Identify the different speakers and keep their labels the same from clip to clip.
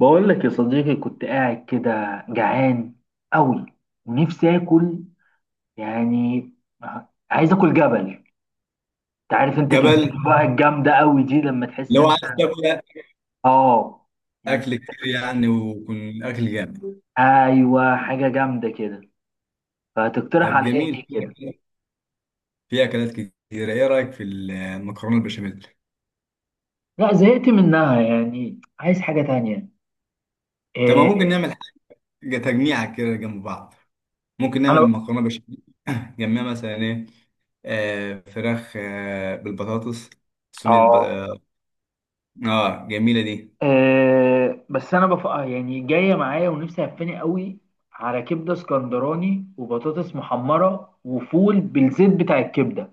Speaker 1: بقول لك يا صديقي، كنت قاعد كده جعان قوي ونفسي اكل. يعني عايز اكل جبل. انت عارف انت كمية
Speaker 2: جبل،
Speaker 1: بقى الجامدة قوي دي لما تحس
Speaker 2: لو
Speaker 1: انت.
Speaker 2: عايز تاكل
Speaker 1: اه، يعني
Speaker 2: اكل كتير يعني ويكون اكل جامد.
Speaker 1: ايوه حاجة جامدة كده. فتقترح
Speaker 2: طب
Speaker 1: عليا ايه
Speaker 2: جميل،
Speaker 1: كده؟
Speaker 2: في اكلات كتير. ايه رايك في المكرونه البشاميل؟
Speaker 1: لا زهقت منها، يعني عايز حاجة تانية.
Speaker 2: طب ما
Speaker 1: إيه؟
Speaker 2: ممكن نعمل حاجه تجميعه كده جنب بعض؟ ممكن نعمل
Speaker 1: انا
Speaker 2: مكرونه بشاميل جنبها مثلا ايه؟ فراخ، بالبطاطس، صينيه ب...
Speaker 1: اه،
Speaker 2: اه آه، جميله دي.
Speaker 1: بس انا بف... آه، يعني جايه معايا ونفسي هفاني قوي على كبده اسكندراني وبطاطس محمره وفول بالزيت بتاع الكبده.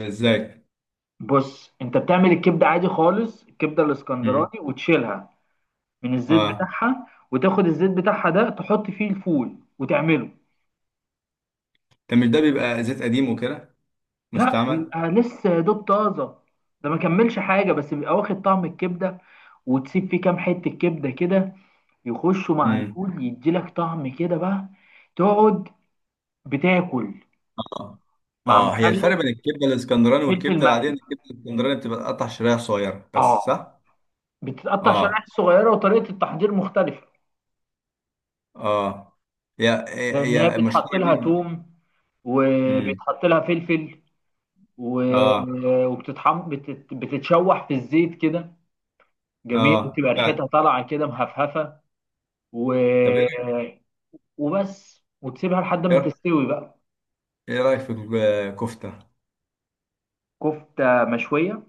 Speaker 2: ازاي؟
Speaker 1: بص انت بتعمل الكبده عادي خالص، الكبده
Speaker 2: امم
Speaker 1: الاسكندراني وتشيلها من الزيت
Speaker 2: اه.
Speaker 1: بتاعها، وتاخد الزيت بتاعها ده تحط فيه الفول وتعمله.
Speaker 2: طب مش ده بيبقى زيت قديم وكده،
Speaker 1: لا
Speaker 2: مستعمل؟
Speaker 1: بيبقى لسه يا دوب طازه، ده ما كملش حاجه، بس بيبقى واخد طعم الكبده. وتسيب فيه كام حته كبده كده يخشوا مع الفول، يديلك طعم كده بقى. تقعد بتاكل
Speaker 2: اه،
Speaker 1: مع
Speaker 2: اه، هي
Speaker 1: مخلل،
Speaker 2: الفرق بين الكبده الاسكندراني
Speaker 1: فلفل
Speaker 2: والكبده العاديه ان
Speaker 1: مقلي.
Speaker 2: الكبده الاسكندراني بتبقى قطع شرايح صغيره بس،
Speaker 1: اه،
Speaker 2: صح؟
Speaker 1: بتتقطع شرائح
Speaker 2: اه،
Speaker 1: صغيره وطريقه التحضير مختلفه.
Speaker 2: اه، هي
Speaker 1: لان هي
Speaker 2: هي هي
Speaker 1: بيتحط
Speaker 2: مشهوره
Speaker 1: لها
Speaker 2: جدا.
Speaker 1: توم،
Speaker 2: امم.
Speaker 1: وبيتحط لها فلفل،
Speaker 2: اه،
Speaker 1: وبتتحم بتتشوح في الزيت كده. جميل،
Speaker 2: اه،
Speaker 1: وتبقى ريحتها
Speaker 2: فعلا.
Speaker 1: طالعه كده مهفهفه. و...
Speaker 2: طب ايه رايك،
Speaker 1: وبس، وتسيبها لحد ما تستوي بقى.
Speaker 2: ايه رايك في الكفته؟
Speaker 1: كفته مشويه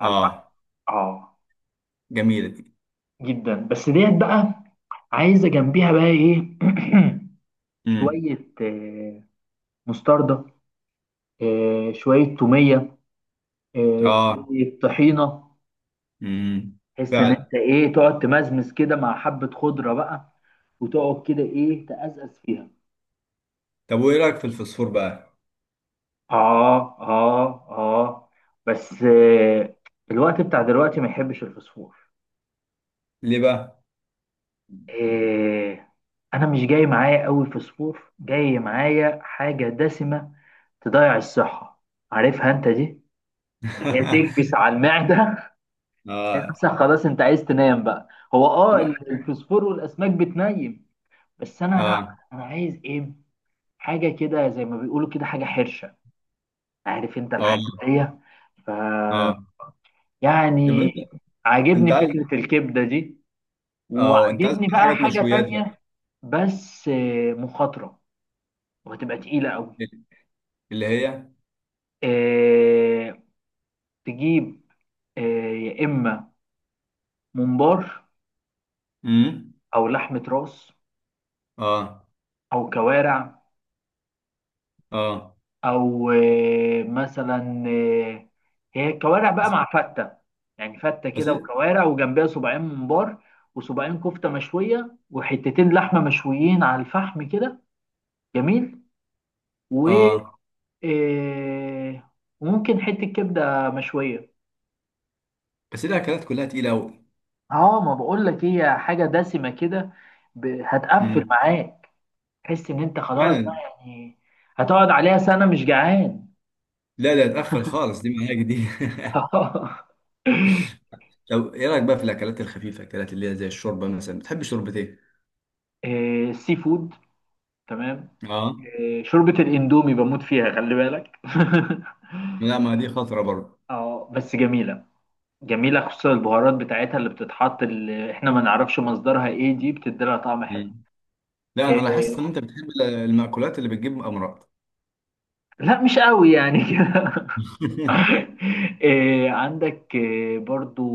Speaker 1: على الفحم. اه
Speaker 2: جميله دي.
Speaker 1: جدا، بس ديت بقى عايزه جنبيها بقى ايه؟
Speaker 2: امم.
Speaker 1: شويه مستردة، شوية تومية،
Speaker 2: اه.
Speaker 1: شوية طحينة.
Speaker 2: امم.
Speaker 1: تحس إن
Speaker 2: فعلا.
Speaker 1: أنت إيه، تقعد تمزمز كده مع حبة خضرة بقى، وتقعد كده إيه، تأزأز فيها.
Speaker 2: طب وايه رايك في الفسفور بقى؟
Speaker 1: آه آه آه، بس الوقت بتاع دلوقتي ما يحبش الفسفور.
Speaker 2: ليه بقى؟
Speaker 1: آه، أنا مش جاي معايا أوي فسفور، جاي معايا حاجة دسمة تضيع الصحة، عارفها أنت دي، اللي هي تكبس على المعدة.
Speaker 2: اه.
Speaker 1: نفسك خلاص انت عايز تنام بقى. هو اه،
Speaker 2: لا.
Speaker 1: الفوسفور والاسماك بتنيم، بس انا لا.
Speaker 2: اه،
Speaker 1: انا عايز ايه، حاجه كده زي ما بيقولوا كده، حاجه حرشه، عارف انت الحاجات
Speaker 2: اه،
Speaker 1: دي. ف
Speaker 2: اه. طب
Speaker 1: يعني
Speaker 2: انت انت
Speaker 1: عاجبني فكره
Speaker 2: عايز
Speaker 1: الكبده دي،
Speaker 2: اه انت عايز
Speaker 1: وعاجبني بقى
Speaker 2: حاجات
Speaker 1: حاجه
Speaker 2: مشويات بقى؟
Speaker 1: تانية. بس مخاطره وهتبقى تقيله قوي.
Speaker 2: اللي هي،
Speaker 1: آه، تجيب يا اما ممبار،
Speaker 2: امم
Speaker 1: او لحمه راس،
Speaker 2: اه،
Speaker 1: او كوارع،
Speaker 2: اه،
Speaker 1: او مثلا هي كوارع بقى مع فته. يعني فته
Speaker 2: بس
Speaker 1: كده وكوارع وجنبها صباعين ممبار، وصباعين كفته مشويه، وحتتين لحمه مشويين على الفحم كده. جميل. و
Speaker 2: اه
Speaker 1: آه، وممكن حته كبده مشويه.
Speaker 2: بس الاكلات كلها تقيله قوي.
Speaker 1: اه، ما بقول لك إيه، هي حاجه دسمه كده، هتقفل
Speaker 2: امم.
Speaker 1: معاك. تحس ان انت خلاص بقى
Speaker 2: فعلا.
Speaker 1: يعني. هتقعد عليها سنه مش جعان.
Speaker 2: لا، لا، تقفل خالص دي، معاك دي طب ايه رايك بقى في الاكلات الخفيفه، الاكلات اللي هي زي الشوربه، مثلا بتحب شوربه ايه؟
Speaker 1: السي فود. تمام.
Speaker 2: اه.
Speaker 1: شوربة الاندومي بموت فيها، خلي بالك.
Speaker 2: لا، ما دي خطره برضه.
Speaker 1: اه بس جميلة. جميلة خصوصا البهارات بتاعتها اللي بتتحط، اللي احنا ما نعرفش مصدرها ايه دي، بتدي لها طعم حلو.
Speaker 2: امم. لا،
Speaker 1: آه،
Speaker 2: انا لاحظت ان انت بتحب المأكولات اللي بتجيب امراض.
Speaker 1: لا مش قوي يعني كده. عندك برضو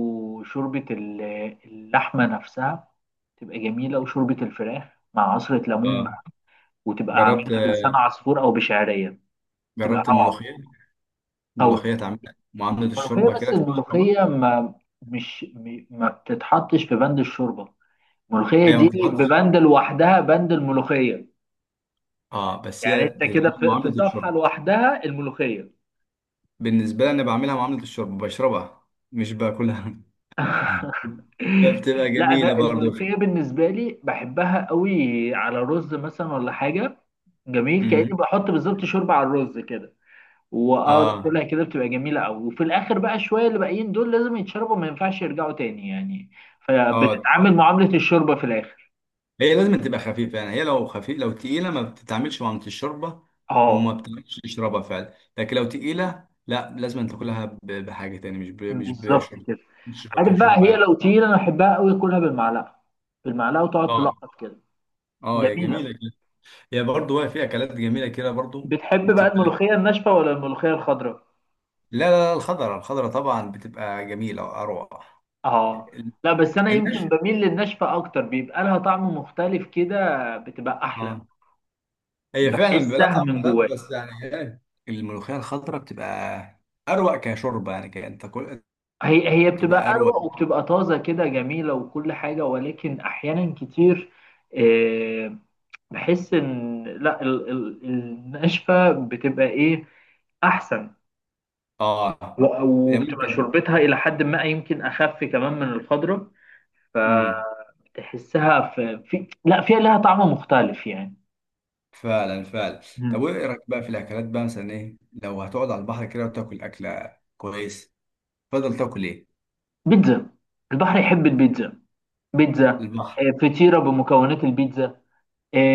Speaker 1: شوربة اللحمة نفسها، تبقى جميلة. وشوربة الفراخ مع عصرة ليمون
Speaker 2: اه.
Speaker 1: بقى، وتبقى
Speaker 2: جربت
Speaker 1: عاملها بلسان عصفور أو بشعرية، تبقى
Speaker 2: جربت
Speaker 1: روعة.
Speaker 2: الملوخيه. الملوخيه تعمل معامله
Speaker 1: الملوخية،
Speaker 2: الشوربه كده،
Speaker 1: بس
Speaker 2: تبقى تشربها.
Speaker 1: الملوخية ما، مش م- ما بتتحطش في بند الشوربة. الملوخية
Speaker 2: هي ما
Speaker 1: دي
Speaker 2: بتتحطش.
Speaker 1: ببند لوحدها، بند الملوخية.
Speaker 2: اه، بس
Speaker 1: يعني
Speaker 2: هي
Speaker 1: انت كده
Speaker 2: بتتعمل
Speaker 1: في
Speaker 2: معامله
Speaker 1: صفحة
Speaker 2: الشوربه.
Speaker 1: لوحدها الملوخية.
Speaker 2: بالنسبة لي أنا بعملها معاملة الشرب، بشربها مش باكلها. فبتبقى
Speaker 1: لا
Speaker 2: جميلة
Speaker 1: انا
Speaker 2: برضو.
Speaker 1: الملوخية بالنسبة لي بحبها قوي على رز مثلا ولا حاجة. جميل، كأني
Speaker 2: امم.
Speaker 1: بحط بالظبط شوربة على الرز كده، واقعد
Speaker 2: اه،
Speaker 1: اكلها كده، بتبقى جميلة قوي. وفي الاخر بقى شوية اللي باقيين دول لازم يتشربوا، ما ينفعش يرجعوا تاني يعني،
Speaker 2: اه،
Speaker 1: فبتتعامل معاملة الشوربة في الاخر.
Speaker 2: هي لازم تبقى خفيفة يعني. هي لو خفيف لو تقيلة ما بتتعملش معاملة الشوربة، وما
Speaker 1: اه.
Speaker 2: بتعملش تشربها فعلا، لكن لو تقيلة لا، لازم أن تاكلها بحاجة تاني، مش مش
Speaker 1: بالظبط
Speaker 2: بشرب.
Speaker 1: كده.
Speaker 2: مش
Speaker 1: عارف بقى،
Speaker 2: كشوربة
Speaker 1: هي
Speaker 2: يعني.
Speaker 1: لو تقيلة انا احبها قوي اكلها بالمعلقة، بالمعلقة وتقعد
Speaker 2: اه،
Speaker 1: تلقط كده.
Speaker 2: اه، هي
Speaker 1: جميلة.
Speaker 2: جميلة كده. هي برضو، هي في أكلات جميلة كده برضو.
Speaker 1: بتحب بقى
Speaker 2: وبتبقى،
Speaker 1: الملوخية الناشفة ولا الملوخية الخضراء؟
Speaker 2: لا، لا، لا، الخضرة، الخضرة طبعا بتبقى جميلة وأروع.
Speaker 1: اه، لا بس انا
Speaker 2: النشف،
Speaker 1: يمكن بميل للناشفة اكتر، بيبقى لها طعم مختلف كده، بتبقى احلى.
Speaker 2: اه، هي فعلا بيبقى لها
Speaker 1: بحسها
Speaker 2: طعم
Speaker 1: من جوايا.
Speaker 2: مختلف، بس يعني ايه. الملوخية الخضراء بتبقى أروق كشوربة، يعني كأن تاكل.
Speaker 1: هي هي
Speaker 2: تبقى
Speaker 1: بتبقى
Speaker 2: أروق.
Speaker 1: اروق وبتبقى طازة كده جميلة وكل حاجة، ولكن احيانا كتير آه، بحس ان لا، الناشفة بتبقى ايه، احسن.
Speaker 2: آه هي
Speaker 1: وبتبقى
Speaker 2: ممكن.
Speaker 1: شربتها إلى حد ما يمكن أخف كمان من الخضرة.
Speaker 2: مم.
Speaker 1: فتحسها في, في لا فيها لها طعم مختلف يعني.
Speaker 2: فعلا، فعلا. طب
Speaker 1: مم.
Speaker 2: وإيه رأيك بقى في الأكلات بقى، مثلا إيه؟ لو هتقعد على البحر كده وتاكل أكلة كويس، تفضل تاكل إيه؟
Speaker 1: بيتزا. البحر يحب البيتزا. بيتزا.
Speaker 2: البحر.
Speaker 1: آه، فطيرة بمكونات البيتزا.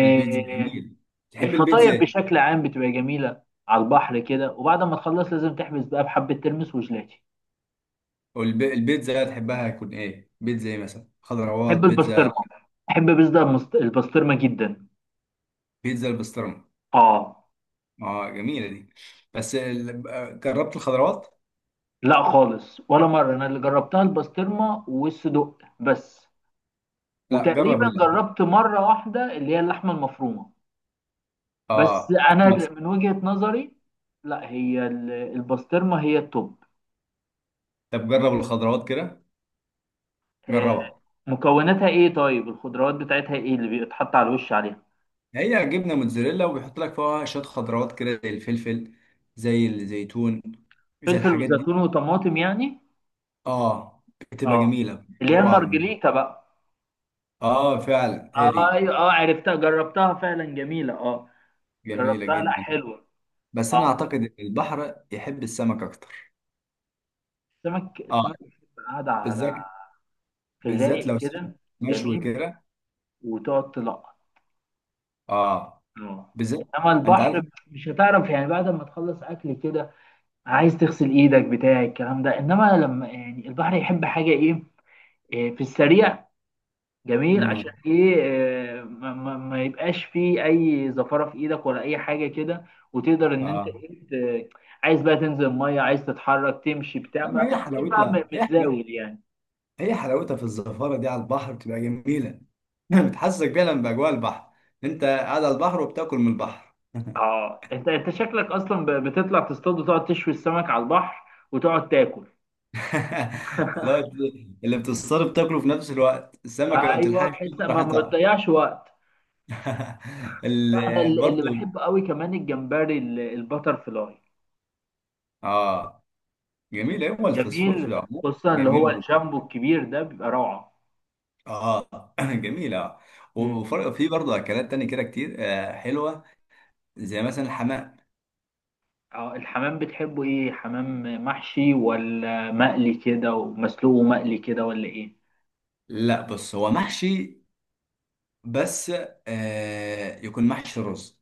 Speaker 2: البيتزا جميل. تحب البيتزا
Speaker 1: الفطاير
Speaker 2: إيه؟
Speaker 1: بشكل عام بتبقى جميلة على البحر كده، وبعد ما تخلص لازم تحبس بقى بحبة ترمس وجلاتي.
Speaker 2: أو البيتزا تحبها هتكون إيه؟ بيتزا إيه مثلا؟ خضروات،
Speaker 1: بحب
Speaker 2: بيتزا.
Speaker 1: البسطرمة. بحب بيتزا البسطرمة جدا.
Speaker 2: بيتزا البسطرمة.
Speaker 1: اه،
Speaker 2: آه، جميلة دي. بس جربت الخضروات؟
Speaker 1: لا خالص ولا مرة، أنا اللي جربتها البسطرمة والصدق بس.
Speaker 2: لا، جرب.
Speaker 1: وتقريبا جربت مرة واحدة اللي هي اللحمة المفرومة. بس
Speaker 2: اه، بس.
Speaker 1: أنا من وجهة نظري، لا هي البسطرمة هي التوب.
Speaker 2: طب جرب الخضروات كده،
Speaker 1: آه،
Speaker 2: جربها.
Speaker 1: مكوناتها إيه طيب؟ الخضروات بتاعتها إيه اللي بيتحط على الوش عليها؟
Speaker 2: هي جبنه موتزاريلا، وبيحط لك فيها شويه خضروات كده، زي الفلفل، زي الزيتون، زي
Speaker 1: فلفل
Speaker 2: الحاجات دي.
Speaker 1: وزيتون وطماطم يعني.
Speaker 2: اه، بتبقى
Speaker 1: اه،
Speaker 2: جميله.
Speaker 1: اللي هي
Speaker 2: روعه.
Speaker 1: المارجريتا بقى.
Speaker 2: اه، فعلا، هي
Speaker 1: آه،
Speaker 2: دي.
Speaker 1: ايوه اه عرفتها جربتها فعلا جميلة اه.
Speaker 2: جميله
Speaker 1: جربتها، لا
Speaker 2: جدا.
Speaker 1: حلوة.
Speaker 2: بس انا
Speaker 1: اه،
Speaker 2: اعتقد ان البحر يحب السمك اكتر.
Speaker 1: السمك،
Speaker 2: اه،
Speaker 1: السمك بتبقى قاعدة على
Speaker 2: بالذات.
Speaker 1: في
Speaker 2: بالذات
Speaker 1: الرايق
Speaker 2: لو سمك
Speaker 1: كده
Speaker 2: مشوي
Speaker 1: جميل،
Speaker 2: كده.
Speaker 1: وتقعد تلقط،
Speaker 2: اه،
Speaker 1: اه.
Speaker 2: بالذات.
Speaker 1: انما
Speaker 2: انت عارف.
Speaker 1: البحر مش هتعرف يعني بعد ما تخلص اكل كده، عايز تغسل ايدك بتاع الكلام ده. انما لما يعني البحر يحب حاجه ايه، إيه، في السريع، جميل. عشان
Speaker 2: مم.
Speaker 1: ايه إيه، ما يبقاش فيه اي زفاره في ايدك ولا اي حاجه كده. وتقدر ان انت
Speaker 2: اه،
Speaker 1: إيه، ت- عايز بقى تنزل الميه، عايز تتحرك تمشي بتاع
Speaker 2: لا، ما
Speaker 1: ما
Speaker 2: هي
Speaker 1: تبقاش بقى
Speaker 2: حلاوتها، هي.
Speaker 1: متزاول يعني.
Speaker 2: هي حلاوتها في الزفارة دي على البحر بتبقى جميلة. بتحسسك فعلا بأجواء البحر. انت قاعد على البحر وبتاكل من البحر.
Speaker 1: اه، انت شكلك اصلا بتطلع تصطاد وتقعد تشوي السمك على البحر وتقعد تاكل.
Speaker 2: اللي هو اللي بتصطاد بتاكله في نفس الوقت، السمكة ما
Speaker 1: ايوه،
Speaker 2: بتلحقش تاكل
Speaker 1: بحيث ما
Speaker 2: راحتها.
Speaker 1: بتضيعش وقت. لا انا اللي
Speaker 2: برضو.
Speaker 1: بحبه قوي كمان الجمبري البتر فلاي.
Speaker 2: اه، جميل، هو الفسفور في
Speaker 1: جميل،
Speaker 2: العموم
Speaker 1: خصوصا اللي
Speaker 2: جميل
Speaker 1: هو
Speaker 2: ومفيد.
Speaker 1: الجامبو الكبير ده بيبقى روعه.
Speaker 2: اه، جميل. اه
Speaker 1: مم.
Speaker 2: وفي برضه اكلات تانية كده كتير، حلوة، زي مثلا الحمام.
Speaker 1: اه الحمام، بتحبه ايه؟ حمام محشي ولا مقلي كده ومسلوق ومقلي كده ولا ايه؟
Speaker 2: لا، بص، هو محشي بس، يكون محشي رز،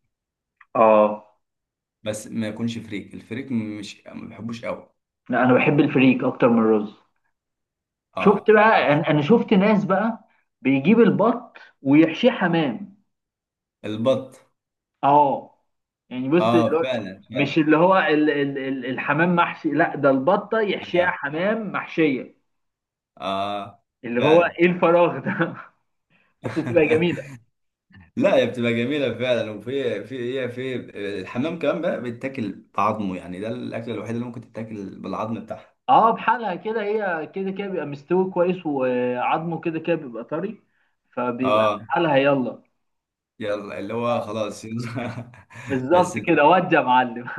Speaker 1: اه،
Speaker 2: بس ما يكونش فريك. الفريك مش ما بحبوش قوي.
Speaker 1: لا انا بحب الفريك اكتر من الرز.
Speaker 2: اه،
Speaker 1: شفت
Speaker 2: بس.
Speaker 1: بقى، أنا شفت ناس بقى بيجيب البط ويحشيه حمام.
Speaker 2: البط.
Speaker 1: اه، يعني بص اللي
Speaker 2: اه،
Speaker 1: هو،
Speaker 2: فعلا،
Speaker 1: مش
Speaker 2: فعلا.
Speaker 1: اللي هو ال ال ال الحمام محشي، لا ده البطه يحشيها
Speaker 2: اه,
Speaker 1: حمام محشيه.
Speaker 2: آه،
Speaker 1: اللي هو
Speaker 2: فعلا.
Speaker 1: ايه الفراغ ده. بس بتبقى جميله.
Speaker 2: لا، هي بتبقى جميله فعلا وفي هي في الحمام كمان بقى، بيتاكل بعظمه، يعني ده الاكله الوحيده اللي ممكن تتاكل بالعظم بتاعها.
Speaker 1: اه، بحالها كده، هي كده كده بيبقى مستوي كويس، وعظمه كده كده بيبقى طري، فبيبقى
Speaker 2: اه،
Speaker 1: بحالها يلا.
Speaker 2: يلا، اللي هو خلاص يلا.
Speaker 1: بالظبط
Speaker 2: بس
Speaker 1: كده، ودي يا معلم.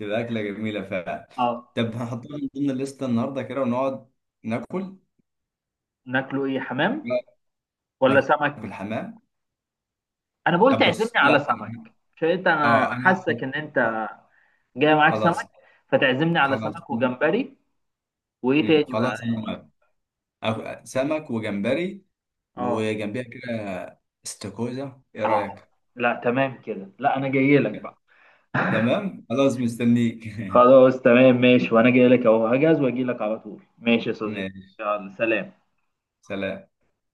Speaker 2: بتبقى اكله جميله فعلا.
Speaker 1: اه،
Speaker 2: طب هنحطها من ضمن الليسته النهارده كده ونقعد ناكل.
Speaker 1: ناكله ايه، حمام ولا
Speaker 2: ناكل
Speaker 1: سمك؟
Speaker 2: حمام.
Speaker 1: انا بقول
Speaker 2: طب
Speaker 1: تعزمني
Speaker 2: بص،
Speaker 1: على
Speaker 2: لا،
Speaker 1: سمك، مش انت انا
Speaker 2: اه، انا
Speaker 1: حاسك ان انت جاي معاك سمك،
Speaker 2: خلاص،
Speaker 1: فتعزمني على
Speaker 2: خلاص.
Speaker 1: سمك وجمبري. وايه
Speaker 2: مم.
Speaker 1: تاني بقى
Speaker 2: خلاص انا
Speaker 1: يعني؟
Speaker 2: موافق. سمك وجمبري،
Speaker 1: اه،
Speaker 2: وجنبيها كده استاكوزا، ايه
Speaker 1: اه،
Speaker 2: رايك؟
Speaker 1: لا تمام كده، لا انا جاي لك بقى.
Speaker 2: تمام، خلاص مستنيك.
Speaker 1: خلاص تمام ماشي، وانا جاي لك اهو، هجهز واجي لك على طول. ماشي يا صديقي.
Speaker 2: ماشي.
Speaker 1: يلا سلام.
Speaker 2: سلام.